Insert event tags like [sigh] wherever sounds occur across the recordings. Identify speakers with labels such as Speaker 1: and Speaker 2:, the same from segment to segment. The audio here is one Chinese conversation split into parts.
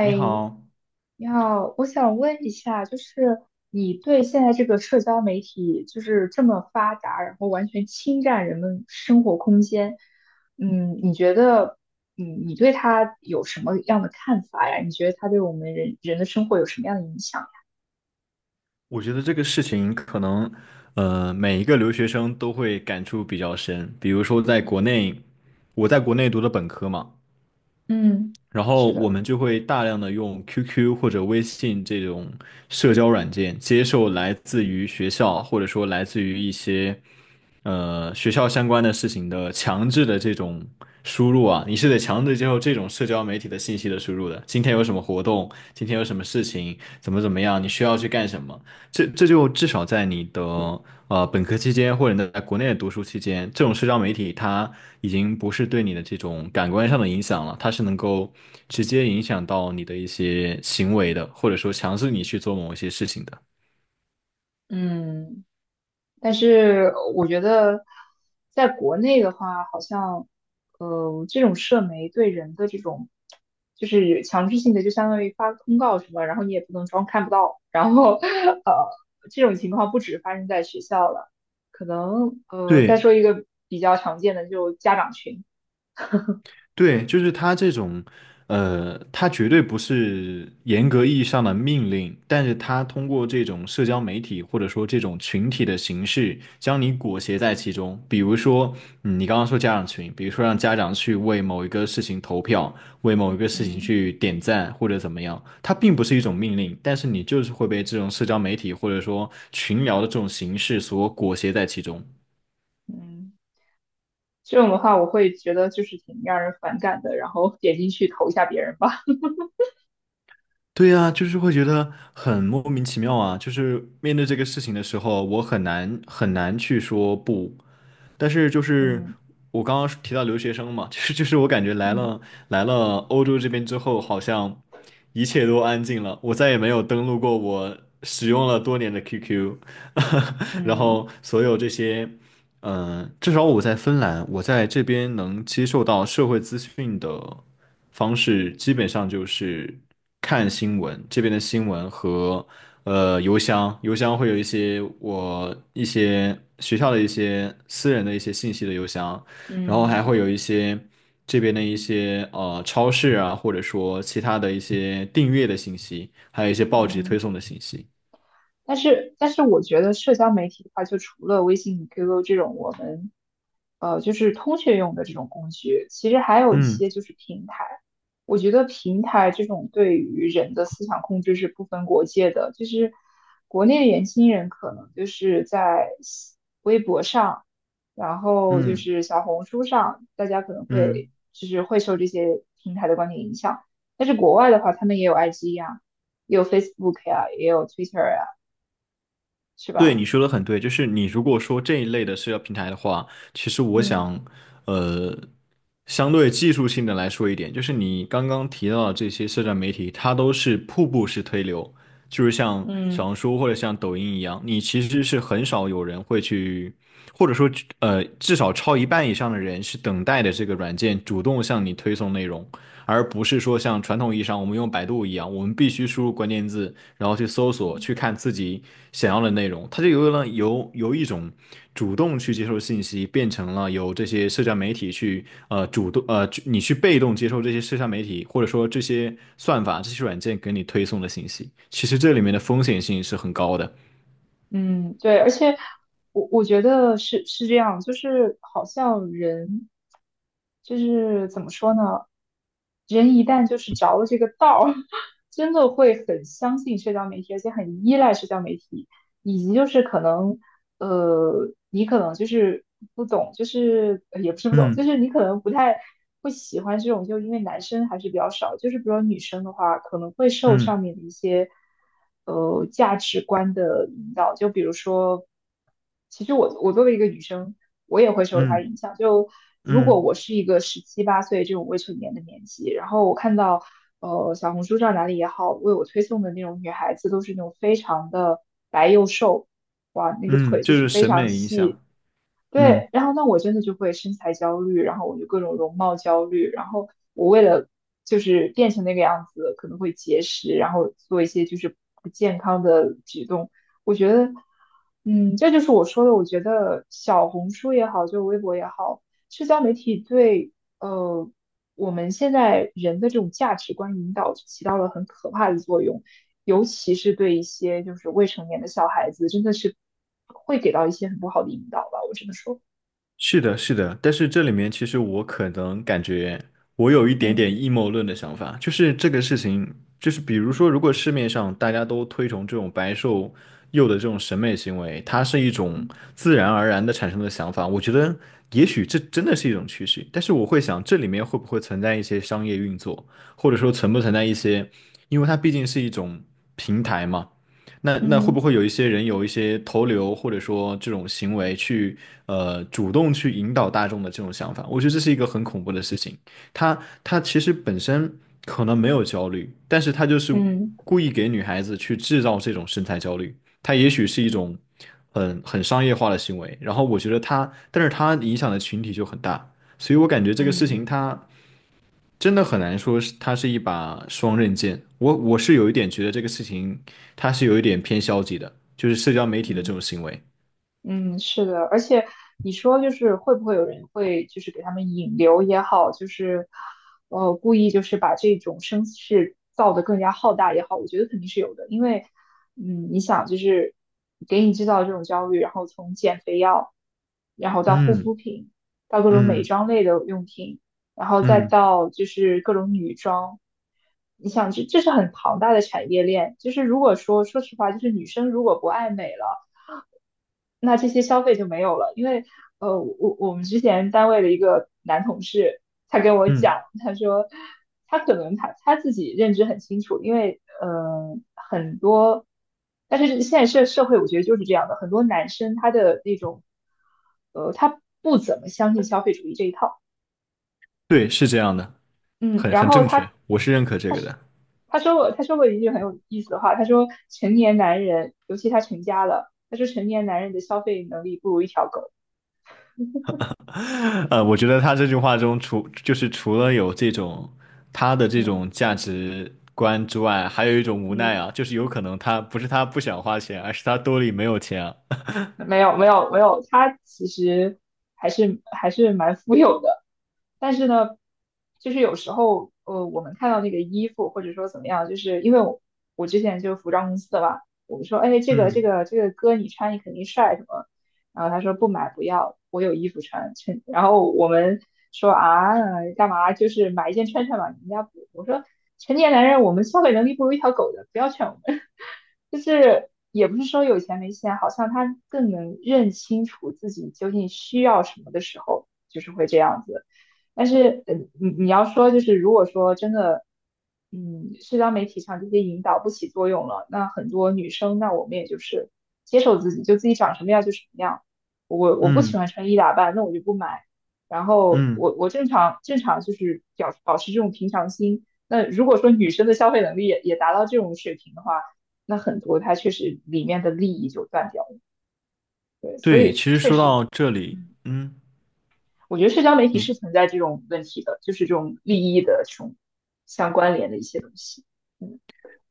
Speaker 1: 你好，
Speaker 2: 你好，我想问一下，就是你对现在这个社交媒体就是这么发达，然后完全侵占人们生活空间，你觉得，你对它有什么样的看法呀？你觉得它对我们人人的生活有什么样的影响呀？
Speaker 1: 我觉得这个事情可能，每一个留学生都会感触比较深。比如说，在国内，我在国内读的本科嘛，
Speaker 2: 嗯，
Speaker 1: 然后
Speaker 2: 是
Speaker 1: 我
Speaker 2: 的。
Speaker 1: 们就会大量的用 QQ 或者微信这种社交软件，接受来自于学校或者说来自于一些，学校相关的事情的强制的这种输入啊，你是得强制接受这种社交媒体的信息的输入的。今天有什么活动？今天有什么事情？怎么样？你需要去干什么？这就至少在你的本科期间，或者你在国内的读书期间，这种社交媒体它已经不是对你的这种感官上的影响了，它是能够直接影响到你的一些行为的，或者说强制你去做某一些事情的。
Speaker 2: 嗯，但是我觉得，在国内的话，好像，这种社媒对人的这种，就是强制性的，就相当于发个通告什么，然后你也不能装看不到，然后，[laughs] 呃，这种情况不止发生在学校了，可能，再
Speaker 1: 对，
Speaker 2: 说一个比较常见的，就家长群。
Speaker 1: 对，就是他这种，他绝对不是严格意义上的命令，但是他通过这种社交媒体或者说这种群体的形式，将你裹挟在其中。比如说，嗯你刚刚说家长群，比如说让家长去为某一个事情投票，为某一个事情
Speaker 2: 嗯。
Speaker 1: 去点赞或者怎么样，它并不是一种命令，但是你就是会被这种社交媒体或者说群聊的这种形式所裹挟在其中。
Speaker 2: 嗯，这种的话，我会觉得就是挺让人反感的，然后点进去投一下别人吧。
Speaker 1: 对呀，就是会觉得很莫名其妙啊。就是面对这个事情的时候，我很难很难去说不。但是就
Speaker 2: [laughs]
Speaker 1: 是
Speaker 2: 嗯。
Speaker 1: 我刚刚提到留学生嘛，[laughs] 就是我感觉来
Speaker 2: 嗯。
Speaker 1: 了来了欧洲这边之后，好像一切都安静了。我再也没有登录过我使用了多年的 QQ，[laughs] 然
Speaker 2: 嗯。
Speaker 1: 后所有这些。嗯，至少我在芬兰，我在这边能接受到社会资讯的方式，基本上就是看新闻，这边的新闻和邮箱，邮箱会有一些我一些学校的一些私人的一些信息的邮箱，然后还
Speaker 2: 嗯。
Speaker 1: 会有一些这边的一些超市啊，或者说其他的一些订阅的信息，还有一些报纸推
Speaker 2: 嗯。
Speaker 1: 送的信息。
Speaker 2: 但是，我觉得社交媒体的话，就除了微信、QQ 这种我们就是通讯用的这种工具，其实还有一
Speaker 1: 嗯
Speaker 2: 些就是平台。我觉得平台这种对于人的思想控制是不分国界的，就是国内的年轻人可能就是在微博上，然后就
Speaker 1: 嗯
Speaker 2: 是小红书上，大家可能
Speaker 1: 嗯。
Speaker 2: 会就是会受这些平台的观点影响。但是国外的话，他们也有 IG 呀，也有 Facebook 呀、也有 Twitter 呀、是
Speaker 1: 对，你
Speaker 2: 吧？
Speaker 1: 说的很对，就是你如果说这一类的社交平台的话，其实我
Speaker 2: 嗯。
Speaker 1: 想，呃，相对技术性的来说一点，就是你刚刚提到的这些社交媒体，它都是瀑布式推流，就是像小
Speaker 2: 嗯。
Speaker 1: 红书或者像抖音一样，你其实是很少有人会去，或者说，至少超一半以上的人是等待的这个软件主动向你推送内容。而不是说像传统意义上我们用百度一样，我们必须输入关键字，然后去搜索，
Speaker 2: 嗯。
Speaker 1: 去看自己想要的内容。它就由了由由一种主动去接受信息，变成了由这些社交媒体去主动去被动接受这些社交媒体或者说这些算法、这些软件给你推送的信息。其实这里面的风险性是很高的。
Speaker 2: 嗯，对，而且我觉得是这样，就是好像人就是怎么说呢？人一旦就是着了这个道儿，[laughs] 真的会很相信社交媒体，而且很依赖社交媒体。以及就是可能，你可能就是不懂，就是也不是不懂，就
Speaker 1: 嗯
Speaker 2: 是你可能不太会喜欢这种，就因为男生还是比较少，就是比如说女生的话，可能会受
Speaker 1: 嗯
Speaker 2: 上面的一些，价值观的引导，就比如说。其实我作为一个女生，我也会受她
Speaker 1: 嗯
Speaker 2: 影响。就如果
Speaker 1: 嗯
Speaker 2: 我是一个十七八岁这种未成年的年纪，然后我看到小红书上哪里也好，为我推送的那种女孩子都是那种非常的白又瘦，哇，那个
Speaker 1: 嗯，
Speaker 2: 腿就
Speaker 1: 这就
Speaker 2: 是
Speaker 1: 是
Speaker 2: 非
Speaker 1: 审
Speaker 2: 常
Speaker 1: 美影
Speaker 2: 细。
Speaker 1: 响。嗯。
Speaker 2: 对，然后那我真的就会身材焦虑，然后我就各种容貌焦虑，然后我为了就是变成那个样子，可能会节食，然后做一些就是不健康的举动。我觉得，嗯，这就是我说的，我觉得小红书也好，就微博也好，社交媒体对呃我们现在人的这种价值观引导起到了很可怕的作用。尤其是对一些就是未成年的小孩子，真的是会给到一些很不好的引导吧，我只能说。
Speaker 1: 是的，是的，但是这里面其实我可能感觉我有一点
Speaker 2: 嗯
Speaker 1: 点阴谋论的想法，就是这个事情，就是比如说，如果市面上大家都推崇这种白瘦幼的这种审美行为，它是一种自然而然的产生的想法，我觉得也许这真的是一种趋势，但是我会想这里面会不会存在一些商业运作，或者说存不存在一些，因为它毕竟是一种平台嘛。那会不
Speaker 2: 嗯。
Speaker 1: 会有一些人有一些投流或者说这种行为去主动去引导大众的这种想法？我觉得这是一个很恐怖的事情。他他其实本身可能没有焦虑，但是他就是
Speaker 2: 嗯。
Speaker 1: 故意给女孩子去制造这种身材焦虑。他也许是一种很商业化的行为，然后我觉得他，但是他影响的群体就很大，所以我感觉这个事
Speaker 2: 嗯。
Speaker 1: 情它。真的很难说是它是一把双刃剑。我是有一点觉得这个事情它是有一点偏消极的，就是社交媒体的这
Speaker 2: 嗯。
Speaker 1: 种行为。
Speaker 2: 嗯，是的，而且你说就是会不会有人会就是给他们引流也好，就是故意就是把这种声势造得更加浩大也好，我觉得肯定是有的，因为嗯你想就是给你制造这种焦虑，然后从减肥药，然后到护
Speaker 1: 嗯
Speaker 2: 肤品，到各种美
Speaker 1: 嗯
Speaker 2: 妆类的用品，然后再
Speaker 1: 嗯
Speaker 2: 到就是各种女装，你想这是很庞大的产业链，就是如果说说实话，就是女生如果不爱美了。那这些消费就没有了，因为我们之前单位的一个男同事，他跟我
Speaker 1: 嗯，
Speaker 2: 讲。他说他可能他自己认知很清楚，因为很多，但是现在社会我觉得就是这样的，很多男生他的那种，他不怎么相信消费主义这一套。
Speaker 1: 对，是这样的，
Speaker 2: 嗯，
Speaker 1: 很
Speaker 2: 然
Speaker 1: 很
Speaker 2: 后
Speaker 1: 正确，
Speaker 2: 他
Speaker 1: 我是认可这
Speaker 2: 他
Speaker 1: 个
Speaker 2: 是
Speaker 1: 的。
Speaker 2: 他说过一句很有意思的话，他说成年男人，尤其他成家了，他说成年男人的消费能力不如一条狗。
Speaker 1: [laughs] 我觉得他这句话中除就是除了有这种他的这
Speaker 2: 嗯。
Speaker 1: 种价值观之外，还有一种无奈
Speaker 2: 嗯，
Speaker 1: 啊，就是有可能他不是他不想花钱，而是他兜里没有钱啊。
Speaker 2: 没有没有没有，他其实还是蛮富有的。但是呢，就是有时候我们看到那个衣服或者说怎么样，就是因为我之前就是服装公司的嘛，我们说哎
Speaker 1: [laughs]
Speaker 2: 这个这
Speaker 1: 嗯
Speaker 2: 个这个哥你穿你肯定帅什么，然后他说不买不要，我有衣服穿，趁然后我们说啊干嘛就是买一件穿嘛，人家不。我说成年男人我们消费能力不如一条狗的，不要劝我们。就是也不是说有钱没钱，好像他更能认清楚自己究竟需要什么的时候，就是会这样子。但是，嗯，你你要说就是，如果说真的，嗯，社交媒体上这些引导不起作用了，那很多女生，那我们也就是接受自己，就自己长什么样就什么样。我不喜
Speaker 1: 嗯
Speaker 2: 欢穿衣打扮，那我就不买。然后
Speaker 1: 嗯，
Speaker 2: 我正常就是表保持这种平常心。那如果说女生的消费能力也达到这种水平的话，那很多它确实里面的利益就断掉了。对，所
Speaker 1: 对，
Speaker 2: 以
Speaker 1: 其实
Speaker 2: 确
Speaker 1: 说
Speaker 2: 实
Speaker 1: 到这里，嗯。
Speaker 2: 我觉得社交媒体是
Speaker 1: 你
Speaker 2: 存在这种问题的，就是这种利益的这种相关联的一些东西。嗯。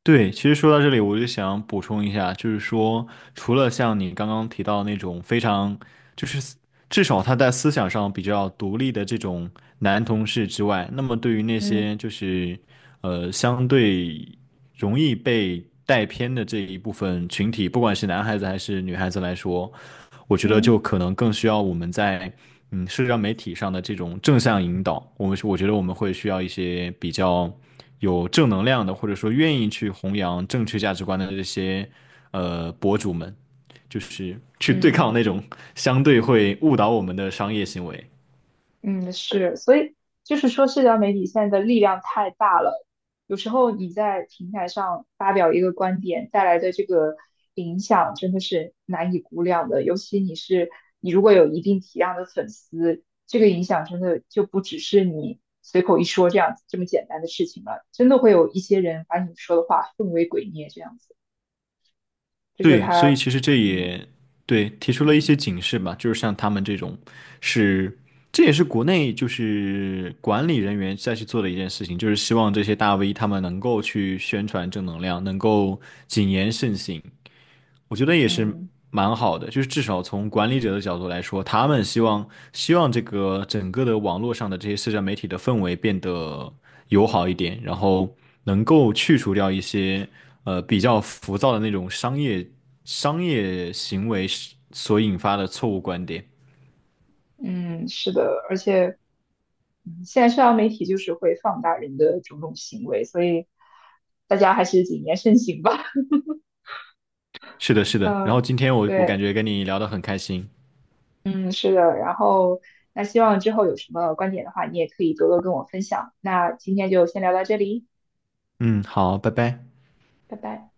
Speaker 1: 对，其实说到这里，我就想补充一下，就是说，除了像你刚刚提到那种非常，就是思至少他在思想上比较独立的这种男同事之外，那么对于那
Speaker 2: 嗯。
Speaker 1: 些就是相对容易被带偏的这一部分群体，不管是男孩子还是女孩子来说，我觉得就
Speaker 2: 嗯。
Speaker 1: 可能更需要我们在嗯社交媒体上的这种正向引导。我觉得我们会需要一些比较。有正能量的，或者说愿意去弘扬正确价值观的这些博主们，就是去对抗
Speaker 2: 嗯。
Speaker 1: 那种相对会误导我们的商业行为。
Speaker 2: 嗯，是，所以就是说，社交媒体现在的力量太大了。有时候你在平台上发表一个观点带来的这个影响，真的是难以估量的。尤其你如果有一定体量的粉丝，这个影响真的就不只是你随口一说这样子这么简单的事情了。真的会有一些人把你说的话奉为鬼臬这样子，这就是
Speaker 1: 对，所
Speaker 2: 他。
Speaker 1: 以其实这
Speaker 2: 嗯。
Speaker 1: 也对提出了一
Speaker 2: 嗯。
Speaker 1: 些警示吧，就是像他们这种是。这也是国内就是管理人员再去做的一件事情，就是希望这些大 V 他们能够去宣传正能量，能够谨言慎行。我觉得也是
Speaker 2: 嗯。
Speaker 1: 蛮好的，就是至少从管理者的角度来说，他们希望这个整个的网络上的这些社交媒体的氛围变得友好一点，然后能够去除掉一些比较浮躁的那种商业行为所引发的错误观点。
Speaker 2: 嗯，是的，而且。嗯，现在社交媒体就是会放大人的种种行为，所以大家还是谨言慎行吧。[laughs]
Speaker 1: 是的，是的。然后
Speaker 2: 嗯，
Speaker 1: 今天我感
Speaker 2: 对，
Speaker 1: 觉跟你聊得很开心。
Speaker 2: 嗯，是的。然后，那希望之后有什么观点的话，你也可以多多跟我分享。那今天就先聊到这里，
Speaker 1: 嗯，好，拜拜。
Speaker 2: 拜拜。